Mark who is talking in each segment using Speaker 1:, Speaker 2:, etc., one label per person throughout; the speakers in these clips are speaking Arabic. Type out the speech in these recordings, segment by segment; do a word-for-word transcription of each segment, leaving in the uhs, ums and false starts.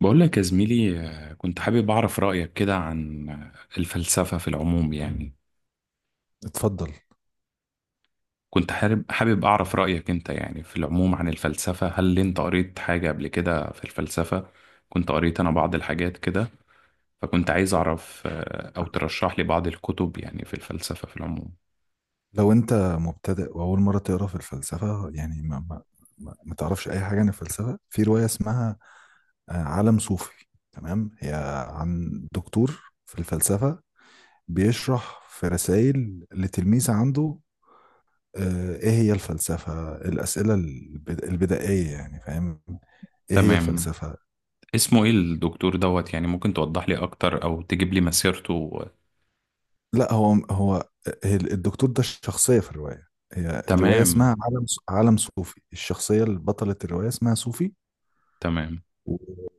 Speaker 1: بقول لك يا زميلي، آه، كنت حابب أعرف رأيك كده عن آه، الفلسفة في العموم يعني.
Speaker 2: اتفضل.
Speaker 1: كنت حابب حابب أعرف رأيك أنت يعني في العموم عن الفلسفة. هل أنت قريت حاجة قبل كده في الفلسفة؟ كنت قريت أنا بعض الحاجات كده، فكنت عايز أعرف، آه، أو ترشح لي بعض الكتب يعني في الفلسفة في العموم.
Speaker 2: لو انت مبتدئ واول مره تقرا في الفلسفه، يعني ما ما ما ما تعرفش اي حاجه عن الفلسفه، في روايه اسمها آه، عالم صوفي. تمام، هي عن دكتور في الفلسفه بيشرح في رسائل لتلميذ عنده آه، ايه هي الفلسفه، الاسئله البد- البدائيه، يعني فاهم ايه هي
Speaker 1: تمام.
Speaker 2: الفلسفه.
Speaker 1: اسمه إيه الدكتور دوت؟ يعني ممكن توضح لي أكتر أو تجيب لي مسيرته؟
Speaker 2: لا، هو هو هي الدكتور ده الشخصيه في الروايه. هي الروايه
Speaker 1: تمام،
Speaker 2: اسمها عالم عالم صوفي، الشخصيه اللي بطلة الروايه اسمها صوفي.
Speaker 1: تمام.
Speaker 2: و-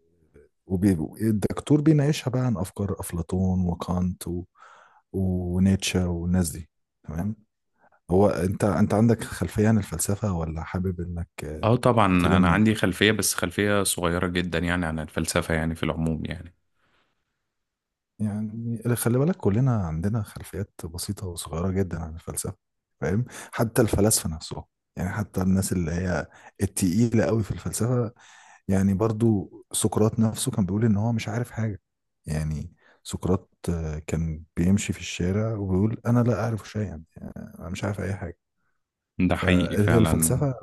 Speaker 2: وبي- والدكتور بيناقشها بقى عن افكار افلاطون، وكانت و... ونيتشه والناس دي. تمام، هو انت انت عندك خلفيه عن الفلسفه، ولا حابب انك آه،
Speaker 1: اه، طبعا. انا
Speaker 2: تلم.
Speaker 1: عندي خلفية، بس خلفية صغيرة جدا يعني عن الفلسفة يعني في العموم يعني.
Speaker 2: يعني خلي بالك، كلنا عندنا خلفيات بسيطه وصغيره جدا عن الفلسفه، فاهم؟ حتى الفلاسفه نفسهم، يعني حتى الناس اللي هي التقيله قوي في الفلسفه، يعني برضو سقراط نفسه كان بيقول ان هو مش عارف حاجة. يعني سقراط آه، كان بيمشي في الشارع وبيقول انا لا اعرف شيئا، يعني انا مش عارف اي حاجة.
Speaker 1: ده حقيقي فعلا.
Speaker 2: فالفلسفة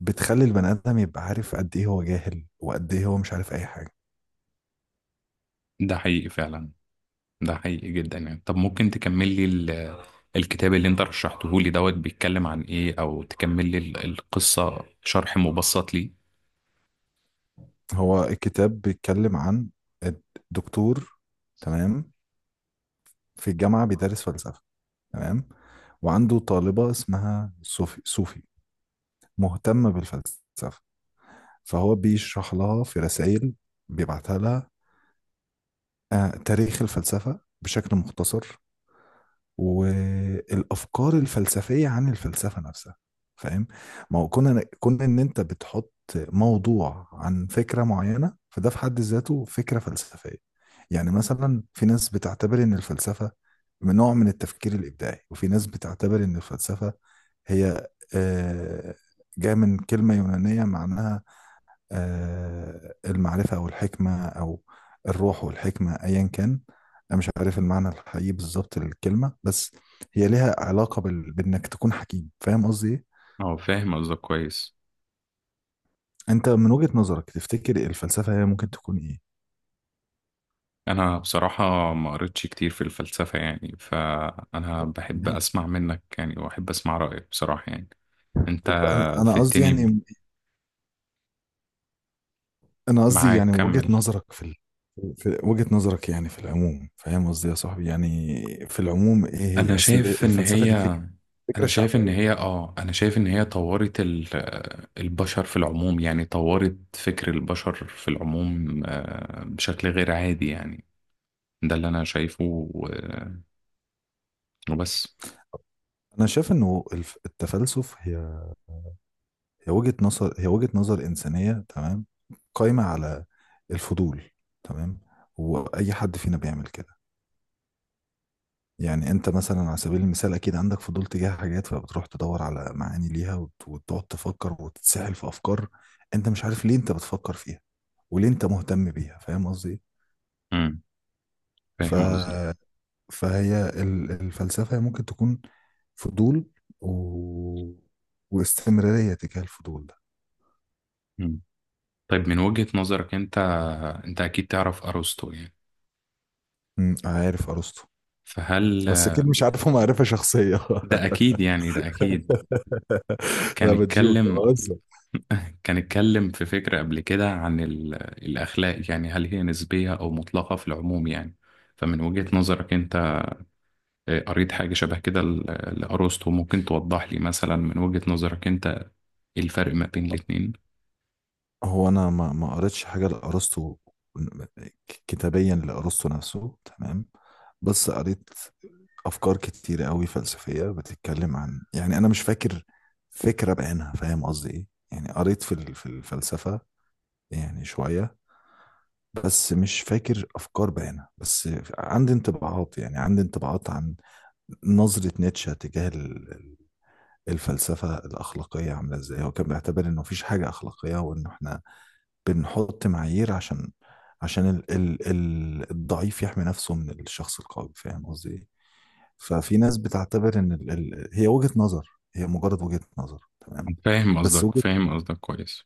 Speaker 2: بتخلي البني ادم يبقى عارف قد ايه هو جاهل وقد ايه هو مش عارف اي حاجة.
Speaker 1: ده حقيقي فعلا. ده حقيقي جدا يعني. طب ممكن تكمل لي ال- الكتاب اللي انت رشحته لي دوت بيتكلم عن ايه، او تكمل لي ال- القصة، شرح مبسط ليه؟
Speaker 2: هو الكتاب بيتكلم عن الدكتور، تمام، في الجامعة بيدرس فلسفة، تمام، وعنده طالبة اسمها صوفي صوفي مهتمة بالفلسفة، فهو بيشرح لها في رسائل بيبعتها لها آه، تاريخ الفلسفة بشكل مختصر، والأفكار الفلسفية عن الفلسفة نفسها، فاهم؟ ما هو كنا كنا إن أنت بتحط موضوع عن فكرة معينة، فده في حد ذاته فكرة فلسفية. يعني مثلا في ناس بتعتبر إن الفلسفة من نوع من التفكير الإبداعي، وفي ناس بتعتبر إن الفلسفة هي، آه، جاية من كلمة يونانية معناها آه، المعرفة أو الحكمة أو الروح والحكمة، أيا كان. أنا مش عارف المعنى الحقيقي بالظبط للكلمة، بس هي لها علاقة بال... بإنك تكون حكيم، فاهم قصدي إيه؟
Speaker 1: اه، فاهم قصدك كويس.
Speaker 2: أنت من وجهة نظرك تفتكر الفلسفة هي ممكن تكون إيه؟
Speaker 1: انا بصراحة ما قريتش كتير في الفلسفة يعني، فانا بحب
Speaker 2: يعني
Speaker 1: اسمع منك يعني، واحب اسمع رأيك بصراحة يعني. انت
Speaker 2: طب أنا
Speaker 1: في
Speaker 2: أنا قصدي
Speaker 1: التاني،
Speaker 2: يعني، أنا قصدي
Speaker 1: معاك،
Speaker 2: يعني وجهة
Speaker 1: كمل.
Speaker 2: نظرك في ال... في وجهة نظرك، يعني في العموم، فاهم قصدي يا صاحبي؟ يعني في العموم إيه
Speaker 1: انا
Speaker 2: هي أصل
Speaker 1: شايف ان
Speaker 2: الفلسفة
Speaker 1: هي
Speaker 2: دي، فكرة فكرة
Speaker 1: انا شايف ان
Speaker 2: شعبية.
Speaker 1: هي اه انا شايف ان هي طورت ال- البشر في العموم يعني، طورت فكر البشر في العموم آه، بشكل غير عادي يعني. ده اللي انا شايفه و- وبس.
Speaker 2: أنا شايف إنه الف- التفلسف، هي هي وجهة نظر هي وجهة نظر إنسانية، تمام، قايمة على الفضول، تمام، وأي حد فينا بيعمل كده. يعني أنت مثلا على سبيل المثال أكيد عندك فضول تجاه حاجات، فبتروح تدور على معاني ليها وت- وتقعد تفكر وتتسحل في أفكار أنت مش عارف ليه أنت بتفكر فيها وليه أنت مهتم بيها، فاهم قصدي إيه؟
Speaker 1: امم
Speaker 2: ف...
Speaker 1: فاهم قصدك.
Speaker 2: فهي ال- الفلسفة ممكن تكون فضول و... واستمرارية تجاه الفضول ده.
Speaker 1: مم. طيب من وجهة نظرك انت انت اكيد تعرف ارسطو يعني.
Speaker 2: مم، عارف أرسطو،
Speaker 1: فهل
Speaker 2: بس أكيد مش عارفه معرفة شخصية.
Speaker 1: ده اكيد يعني، ده اكيد.
Speaker 2: انا
Speaker 1: كان
Speaker 2: بتجوك يا
Speaker 1: اتكلم
Speaker 2: بهزر.
Speaker 1: كان اتكلم في فكرة قبل كده عن ال- الأخلاق، يعني هل هي نسبية أو مطلقة في العموم يعني؟ فمن وجهة نظرك أنت، آه، قريت حاجة شبه كده ل- لأرسطو. ممكن توضح لي مثلا من وجهة نظرك أنت إيه الفرق ما بين الاتنين؟
Speaker 2: هو انا ما ما قريتش حاجه لارسطو، كتابيا لارسطو نفسه، تمام. بس قريت افكار كتير قوي فلسفيه بتتكلم عن، يعني انا مش فاكر فكره بعينها، فاهم قصدي ايه؟ يعني قريت في ال- في الفلسفه يعني شويه، بس مش فاكر افكار بعينها، بس عندي انطباعات. يعني عندي انطباعات عن نظره نيتشه تجاه الفلسفة الأخلاقية عاملة إزاي. هو كان بيعتبر إنه مفيش حاجة أخلاقية، وإن إحنا بنحط معايير عشان عشان ال ال ال الضعيف يحمي نفسه من الشخص القوي، فاهم قصدي إيه؟ ففي ناس بتعتبر إن ال ال هي وجهة نظر، هي مجرد وجهة نظر، تمام.
Speaker 1: فاهم
Speaker 2: بس
Speaker 1: قصدك،
Speaker 2: وجهة
Speaker 1: فاهم قصدك كويس.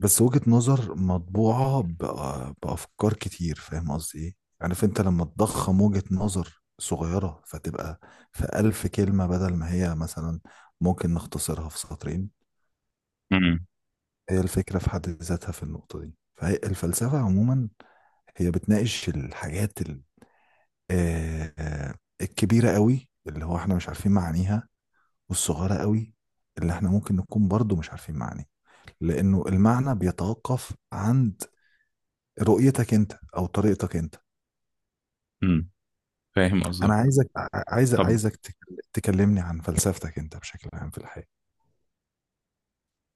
Speaker 2: بس وجهة نظر مطبوعة بأ- بأفكار كتير، فاهم قصدي إيه؟ عارف أنت لما تضخم وجهة نظر صغيرة فتبقى في ألف كلمة بدل ما هي مثلا ممكن نختصرها في سطرين.
Speaker 1: امم
Speaker 2: هي الفكرة في حد ذاتها في النقطة دي، فهي الفلسفة عموما هي بتناقش الحاجات ال- آه، آه، الكبيرة قوي اللي هو احنا مش عارفين معانيها، والصغيرة قوي اللي احنا ممكن نكون برضو مش عارفين معانيها، لأنه المعنى بيتوقف عند رؤيتك انت أو طريقتك انت.
Speaker 1: امم فاهم
Speaker 2: أنا
Speaker 1: قصدك.
Speaker 2: عايزك، عايز
Speaker 1: طب
Speaker 2: عايزك تك- تكلمني عن فلسفتك انت بشكل عام في الحياة.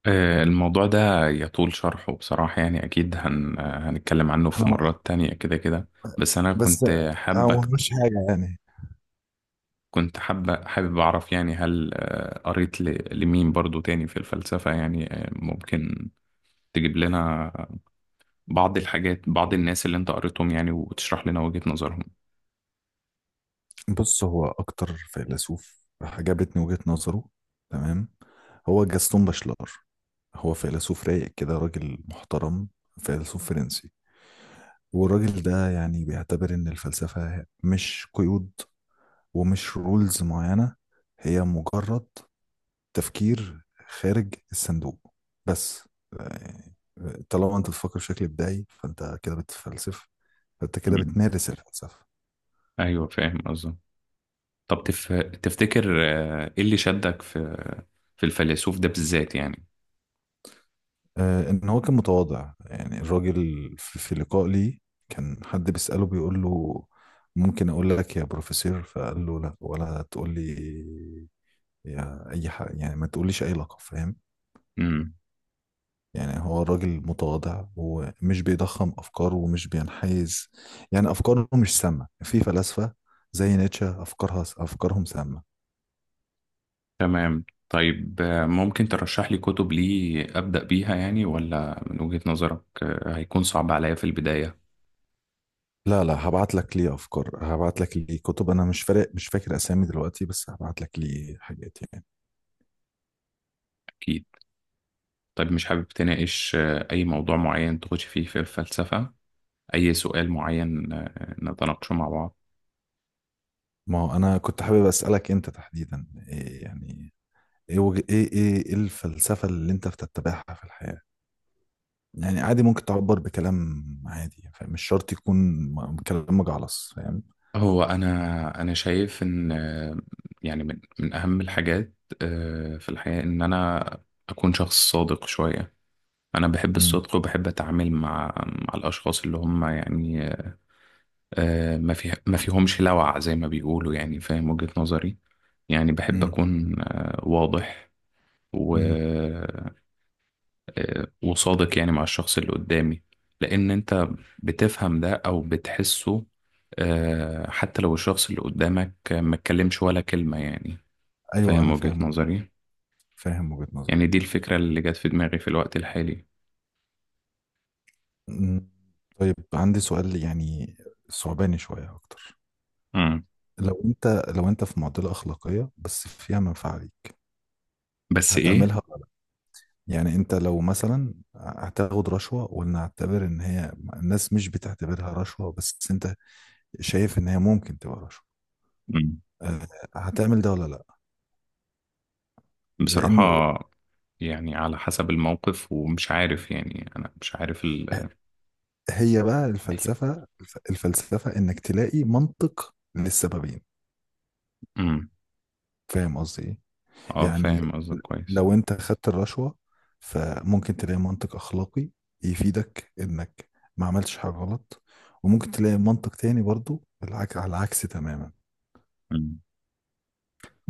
Speaker 1: آه، الموضوع ده يطول شرحه بصراحة يعني، أكيد هن... آه، هنتكلم عنه
Speaker 2: احنا
Speaker 1: في
Speaker 2: م-
Speaker 1: مرات تانية كده كده. بس أنا
Speaker 2: بس
Speaker 1: كنت
Speaker 2: هو
Speaker 1: حابك
Speaker 2: مش حاجة يعني.
Speaker 1: كنت حابة حابب أعرف يعني، هل آه، قريت ل- لمين برضو تاني في الفلسفة يعني؟ آه، ممكن تجيب لنا بعض الحاجات بعض الناس اللي أنت قريتهم يعني، وتشرح لنا وجهة نظرهم.
Speaker 2: بص، هو أكتر فيلسوف عجبتني وجهة نظره، تمام، هو جاستون باشلار. هو فيلسوف رايق كده، راجل محترم، فيلسوف فرنسي. والراجل ده يعني بيعتبر إن الفلسفة مش قيود ومش رولز معينة، هي مجرد تفكير خارج الصندوق، بس. يعني طالما أنت بتفكر بشكل إبداعي فأنت كده بتفلسف، فأنت كده
Speaker 1: مم.
Speaker 2: بتمارس الفلسفة.
Speaker 1: أيوة، فاهم قصدي. طب تف... تفتكر آه، إيه اللي شدك في في الفيلسوف ده بالذات يعني؟
Speaker 2: آه، ان هو كان متواضع يعني الراجل، في في لقاء ليه كان حد بيسأله بيقول له ممكن اقول لك يا بروفيسور، فقال له لا ولا تقول لي يا اي حاجه، يعني ما تقوليش اي لقب، فاهم؟
Speaker 1: مم.
Speaker 2: يعني هو راجل متواضع ومش بيضخم افكاره ومش بينحيز. يعني افكاره مش سامه في فلاسفه زي نيتشه، افكارها افكارهم سامه.
Speaker 1: تمام. طيب آه، ممكن ترشح لي كتب ليه أبدأ بيها يعني، ولا من وجهة نظرك آه، هيكون صعب عليا في البداية؟
Speaker 2: لا، لا، هبعت لك ليه افكار، هبعت لك ليه كتب، انا مش فارق، مش فاكر اسامي دلوقتي، بس هبعت لك ليه حاجات يعني.
Speaker 1: أكيد. طيب مش حابب تناقش آه، أي موضوع معين تخش فيه في الفلسفة، أي سؤال معين آه، نتناقشه مع بعض؟
Speaker 2: ما هو انا كنت حابب اسالك انت تحديدا إيه يعني، ايه وج... ايه ايه إيه الفلسفه اللي انت بتتبعها في الحياه. يعني عادي، ممكن تعبر بكلام عادي، فاهم؟ مش شرط يكون م- كلام مجعلص، فاهم؟
Speaker 1: هو أنا أنا شايف إن آه، يعني من من أهم الحاجات آه، في الحياة إن أنا أكون شخص صادق شوية. أنا بحب
Speaker 2: امم
Speaker 1: الصدق وبحب أتعامل مع مع الأشخاص اللي هم يعني آه، ما في ما فيهمش لوع زي ما بيقولوا يعني، فاهم وجهة نظري؟ يعني بحب
Speaker 2: امم
Speaker 1: أكون آه، واضح و
Speaker 2: امم
Speaker 1: وصادق يعني مع الشخص اللي قدامي. لأن أنت بتفهم ده أو بتحسه، آه، حتى لو الشخص اللي قدامك ما اتكلمش ولا كلمة يعني،
Speaker 2: ايوه
Speaker 1: فاهم
Speaker 2: انا
Speaker 1: وجهة
Speaker 2: فاهم وج-
Speaker 1: نظري؟
Speaker 2: فاهم وجهه نظرك.
Speaker 1: يعني دي الفكرة اللي جت في دماغي في الوقت الحالي.
Speaker 2: أمم. طيب، عندي سؤال يعني صعباني شويه اكتر.
Speaker 1: مم.
Speaker 2: لو انت لو انت في معضله اخلاقيه بس فيها منفعه ليك،
Speaker 1: بس إيه؟
Speaker 2: هتعملها؟ يعني انت لو مثلا هتاخد رشوة، ولنعتبر ان هي الناس مش بتعتبرها رشوة بس انت شايف ان هي ممكن تبقى رشوة،
Speaker 1: مم.
Speaker 2: آه، هتعمل ده ولا لا؟
Speaker 1: بصراحة،
Speaker 2: لانه
Speaker 1: يعني على حسب الموقف، ومش عارف يعني، أنا مش عارف ال
Speaker 2: هي بقى
Speaker 1: أكيد.
Speaker 2: الفلسفة الف- الفلسفة انك تلاقي منطق للسببين،
Speaker 1: مم.
Speaker 2: فاهم قصدي ايه؟
Speaker 1: اه،
Speaker 2: يعني
Speaker 1: فاهم قصدك كويس.
Speaker 2: لو انت خدت الرشوة، فممكن تلاقي منطق اخلاقي يفيدك انك ما عملتش حاجة غلط، وممكن تلاقي منطق تاني برضو العك على العكس تماما.
Speaker 1: مم.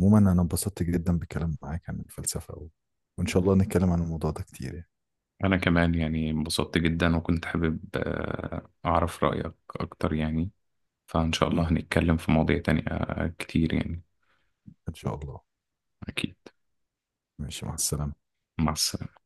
Speaker 2: عموما انا انبسطت جدا بالكلام معاك عن الفلسفة، و... وان شاء الله نتكلم عن الموضوع ده كتير يعني.
Speaker 1: أنا كمان يعني انبسطت جدا، وكنت حابب آه، أعرف رأيك أكتر يعني. فإن شاء الله
Speaker 2: مم.
Speaker 1: هنتكلم في مواضيع تانية آه، كتير يعني.
Speaker 2: ان شاء الله.
Speaker 1: أكيد.
Speaker 2: ماشي، مع السلامة.
Speaker 1: مع السلامة.